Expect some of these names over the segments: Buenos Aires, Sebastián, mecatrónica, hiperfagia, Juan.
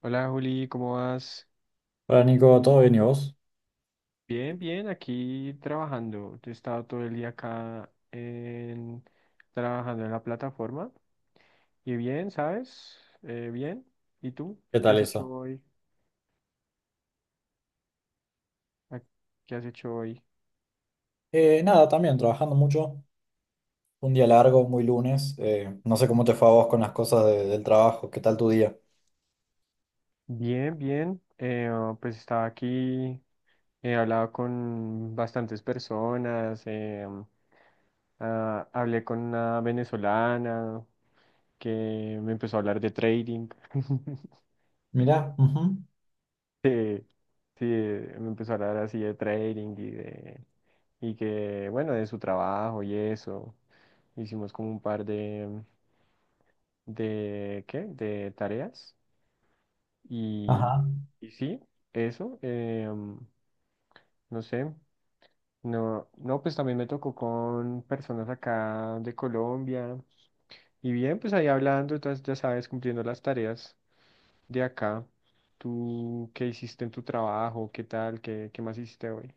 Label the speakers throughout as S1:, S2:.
S1: Hola Juli, ¿cómo vas?
S2: Hola Nico, ¿todo bien y vos?
S1: Bien, bien, aquí trabajando. He estado todo el día trabajando en la plataforma. Y bien, ¿sabes? Bien. ¿Y tú?
S2: ¿Qué
S1: ¿Qué
S2: tal
S1: has hecho
S2: eso?
S1: hoy? ¿A- ¿Qué has hecho hoy?
S2: Nada, también trabajando mucho. Un día largo, muy lunes. No sé cómo te fue a vos con las cosas del trabajo. ¿Qué tal tu día?
S1: Bien, bien. Pues estaba aquí, he hablado con bastantes personas. Hablé con una venezolana que me empezó a hablar de trading.
S2: Mirá, ujú.
S1: Sí, sí, me empezó a hablar así de trading, y bueno, de su trabajo y eso. Hicimos como un par de ¿qué? De tareas. Y,
S2: Ajá.
S1: y sí, eso, no sé, no, pues también me tocó con personas acá de Colombia. Y bien, pues ahí hablando, entonces ya sabes, cumpliendo las tareas de acá. ¿Tú qué hiciste en tu trabajo? ¿Qué tal? ¿Qué más hiciste hoy?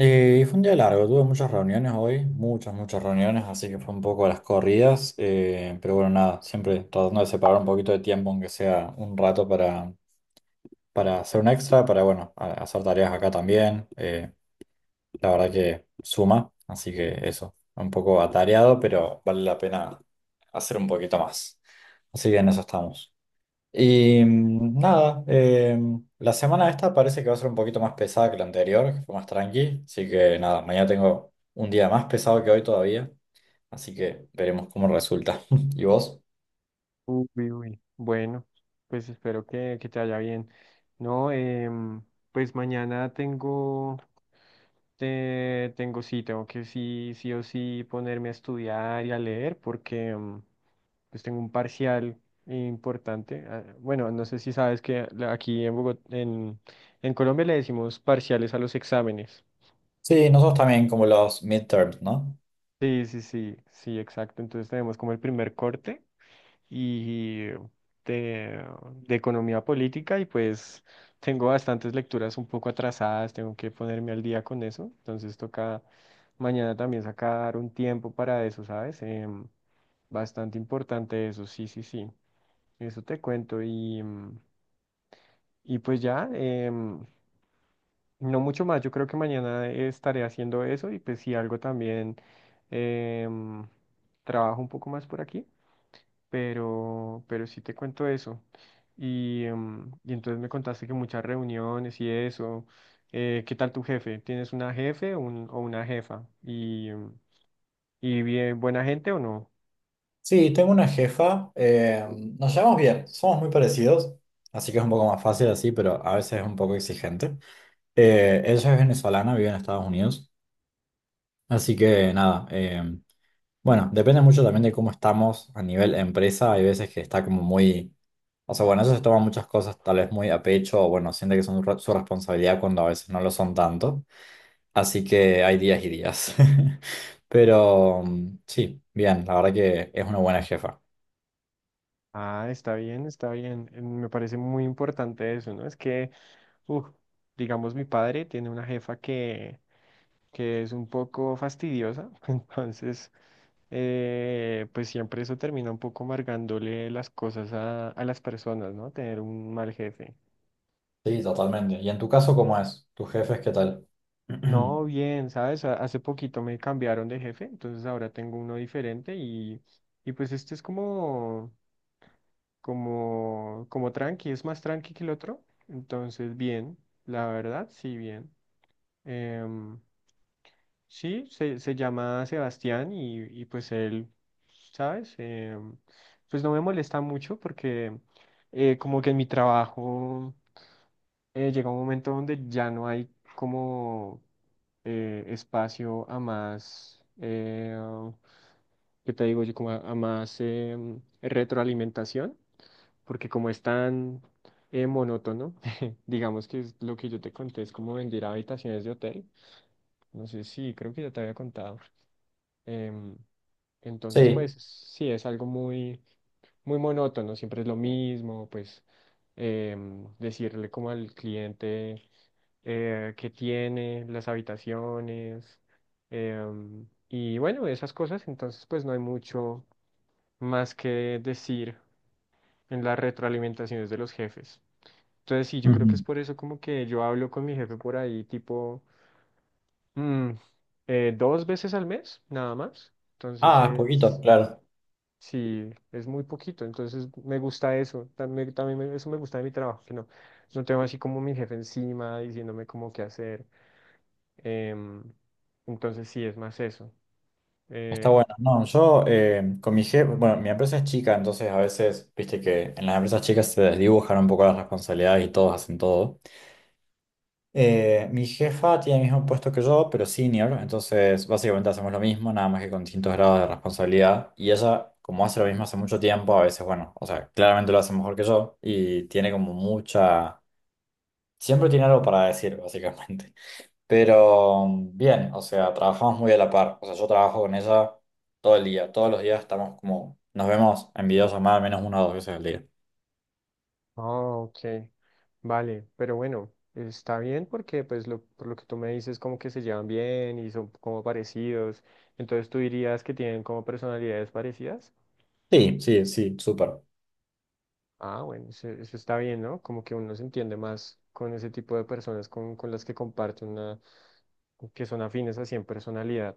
S2: Fue un día largo, tuve muchas reuniones hoy, muchas, muchas reuniones, así que fue un poco a las corridas. Pero bueno, nada, siempre tratando de separar un poquito de tiempo, aunque sea un rato para hacer un extra, para bueno, hacer tareas acá también. La verdad que suma, así que eso, un poco atareado, pero vale la pena hacer un poquito más. Así que en eso estamos. Y nada, la semana esta parece que va a ser un poquito más pesada que la anterior, que fue más tranqui. Así que nada, mañana tengo un día más pesado que hoy todavía, así que veremos cómo resulta. ¿Y vos?
S1: Uy, uy, bueno, pues espero que te vaya bien. No, pues mañana tengo que sí, sí o sí ponerme a estudiar y a leer porque pues tengo un parcial importante. Ah, bueno, no sé si sabes que aquí en Bogotá, en Colombia le decimos parciales a los exámenes.
S2: Sí, nosotros también como los midterms, ¿no?
S1: Sí, sí, sí, sí, exacto. Entonces tenemos como el primer corte. y de, de economía política y pues tengo bastantes lecturas un poco atrasadas, tengo que ponerme al día con eso, entonces toca mañana también sacar un tiempo para eso, ¿sabes? Bastante importante eso, sí, sí, sí, eso te cuento y, y pues ya, no mucho más, yo creo que mañana estaré haciendo eso y pues si algo también em, trabajo un poco más por aquí. Pero sí te cuento eso. Y entonces me contaste que muchas reuniones y eso. ¿Qué tal tu jefe? ¿Tienes una jefe o una jefa? ¿Y bien, buena gente o no?
S2: Sí, tengo una jefa, nos llevamos bien, somos muy parecidos, así que es un poco más fácil así, pero a veces es un poco exigente. Ella es venezolana, vive en Estados Unidos, así que nada, bueno, depende mucho también de cómo estamos a nivel empresa, hay veces que está como muy, o sea, bueno, ella se toma muchas cosas tal vez muy a pecho, o bueno, siente que son su responsabilidad cuando a veces no lo son tanto, así que hay días y días. Pero mm, sí, bien, la verdad que es una buena jefa.
S1: Ah, está bien, está bien. Me parece muy importante eso, ¿no? Es que, uf, digamos, mi padre tiene una jefa que es un poco fastidiosa, entonces pues siempre eso termina un poco amargándole las cosas a las personas, ¿no? Tener un mal jefe.
S2: Sí, totalmente. ¿Y en tu caso cómo es? ¿Tus jefes qué tal?
S1: No, bien, ¿sabes? Hace poquito me cambiaron de jefe, entonces ahora tengo uno diferente y pues este es como tranqui, es más tranqui que el otro. Entonces, bien, la verdad, sí, bien. Em, Sí, se llama Sebastián y pues él, ¿sabes? Pues no me molesta mucho porque como que en mi trabajo llega un momento donde ya no hay como espacio a más, ¿qué te digo yo? Como a más retroalimentación, porque como es tan monótono, digamos que es lo que yo te conté, es como vender habitaciones de hotel. No sé, si creo que ya te había contado. em, Entonces, pues
S2: Sí.
S1: sí, es algo muy, muy monótono, siempre es lo mismo, pues decirle como al cliente qué tiene, las habitaciones, em, y bueno, esas cosas, entonces pues no hay mucho más que decir en las retroalimentaciones de los jefes. Entonces sí, yo creo que es
S2: Ujú.
S1: por eso como que yo hablo con mi jefe por ahí tipo mm, dos veces al mes, nada más. Entonces
S2: Ah, es poquito,
S1: es...
S2: claro.
S1: Sí, es muy poquito, entonces me gusta eso, también, eso me gusta de mi trabajo, que no, no tengo así como mi jefe encima diciéndome como qué hacer, em, entonces sí, es más eso.
S2: Está
S1: Eh,
S2: bueno. No, yo con mi jefe, bueno, mi empresa es chica, entonces a veces, viste que en las empresas chicas se desdibujan un poco las responsabilidades y todos hacen todo. Mi jefa tiene el mismo puesto que yo, pero senior, entonces básicamente hacemos lo mismo, nada más que con distintos grados de responsabilidad. Y ella, como hace lo mismo hace mucho tiempo, a veces, bueno, o sea, claramente lo hace mejor que yo y tiene como mucha. Siempre tiene algo para decir, básicamente. Pero mm, bien, o sea, trabajamos muy a la par. O sea, yo trabajo con ella todo el día. Todos los días estamos como, nos vemos en videollamada al menos una o dos veces al día.
S1: oh, ok, vale, pero bueno, está bien porque pues por lo que tú me dices, como que se llevan bien y son como parecidos, entonces tú dirías que tienen como personalidades parecidas.
S2: Sí, sí, sí, súper.
S1: Ah, bueno, eso está bien, ¿no? Como que uno se entiende más con ese tipo de personas con las que comparte una, que son afines así en personalidad,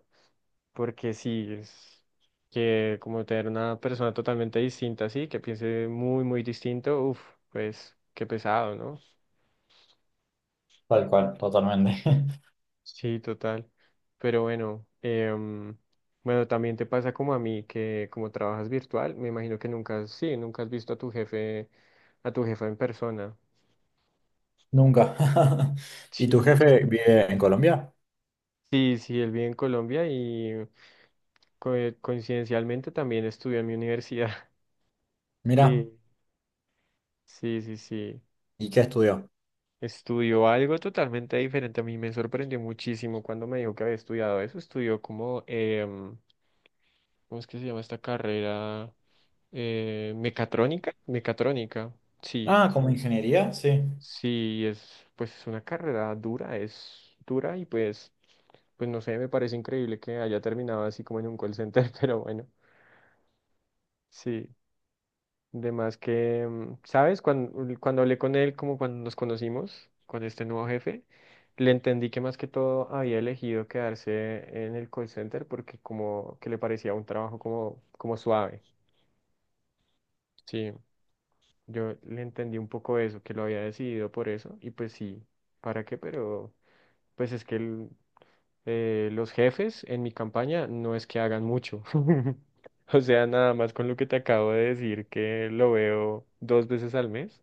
S1: porque sí, es que como tener una persona totalmente distinta, así, que piense muy, muy distinto, uff, pues qué pesado, ¿no?
S2: Tal cual, totalmente.
S1: Sí, total. Pero bueno, bueno, también te pasa como a mí, que como trabajas virtual, me imagino que nunca, has- sí, nunca has visto a tu jefe, a tu jefa en persona.
S2: Nunca. ¿Y tu
S1: Sí,
S2: jefe vive en Colombia?
S1: él vive en Colombia y co- coincidencialmente también estudió en mi universidad.
S2: Mira,
S1: Sí, sí, sí, sí.
S2: ¿y qué estudió?
S1: Estudió algo totalmente diferente. A mí me sorprendió muchísimo cuando me dijo que había estudiado eso. Estudió como, ¿cómo es que se llama esta carrera? Mecatrónica. Mecatrónica, sí.
S2: Ah, como ingeniería, sí.
S1: Sí, es, pues es una carrera dura, es dura y pues, pues no sé, me parece increíble que haya terminado así como en un call center, pero bueno, sí. De más que, ¿sabes? Cuando hablé con él, como cuando nos conocimos, con este nuevo jefe, le entendí que más que todo había elegido quedarse en el call center porque como que le parecía un trabajo como suave. Sí, yo le entendí un poco eso, que lo había decidido por eso, y pues sí, ¿para qué? Pero pues es que el- los jefes en mi campaña no es que hagan mucho. O sea, nada más con lo que te acabo de decir, que lo veo dos veces al mes.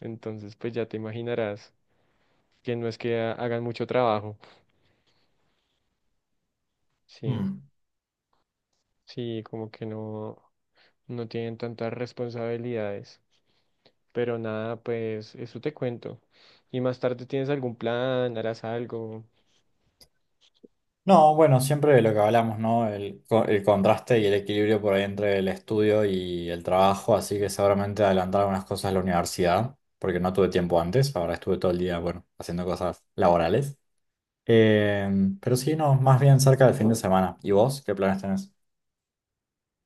S1: Entonces, pues ya te imaginarás que no es que hagan mucho trabajo. Sí,
S2: Mm.
S1: sí, como que no, no tienen tantas responsabilidades. Pero nada, pues eso te cuento. Y más tarde, ¿tienes algún plan? ¿Harás algo?
S2: No, bueno, siempre de lo que hablamos, ¿no? El, el contraste y el equilibrio por ahí entre el estudio y el trabajo, así que seguramente adelantar algunas cosas a la universidad, porque no tuve tiempo antes, ahora estuve todo el día, bueno, haciendo cosas laborales. Eh, pero sí, no, más bien cerca del fin de semana. ¿Y vos qué planes tenés?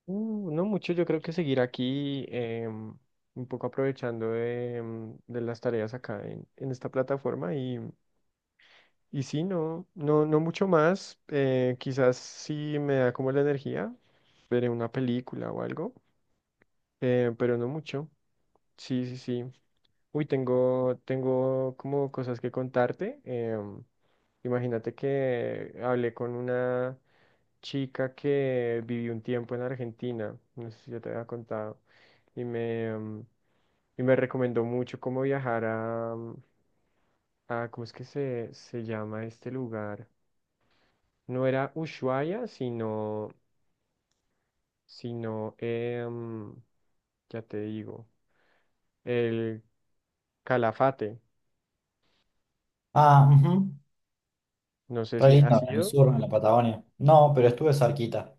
S1: No mucho, yo creo que seguir aquí, un poco aprovechando de las tareas acá en esta plataforma. Y sí, no mucho más. Quizás si me da como la energía, veré una película o algo. Pero no mucho. Sí, sí, sí. Uy, tengo como cosas que contarte. Imagínate que hablé con una chica que vivió un tiempo en Argentina, no sé si yo te había contado, y me, em, y me recomendó mucho cómo viajar a ¿cómo es que se llama este lugar? No era Ushuaia, sino, ya te digo. El Calafate.
S2: Ah, ujú.
S1: No sé
S2: Re
S1: si ha
S2: lindo, en el
S1: sido.
S2: sur, en la Patagonia. No, pero estuve cerquita.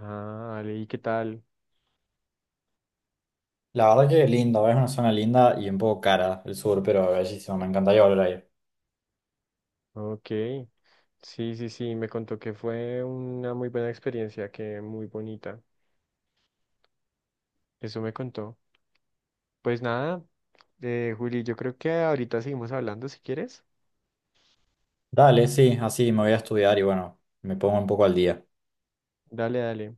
S1: Ah, vale, ¿y qué tal?
S2: La verdad que lindo, es una zona linda y un poco cara el sur, pero bellísimo, me encantaría volver ahí.
S1: Ok. Sí, sí, sí, me contó que fue una muy buena experiencia, que muy bonita. Eso me contó. Pues nada, Juli, yo creo que ahorita seguimos hablando si quieres.
S2: Dale, sí, así me voy a estudiar y bueno, me pongo un poco al día.
S1: Dale, dale.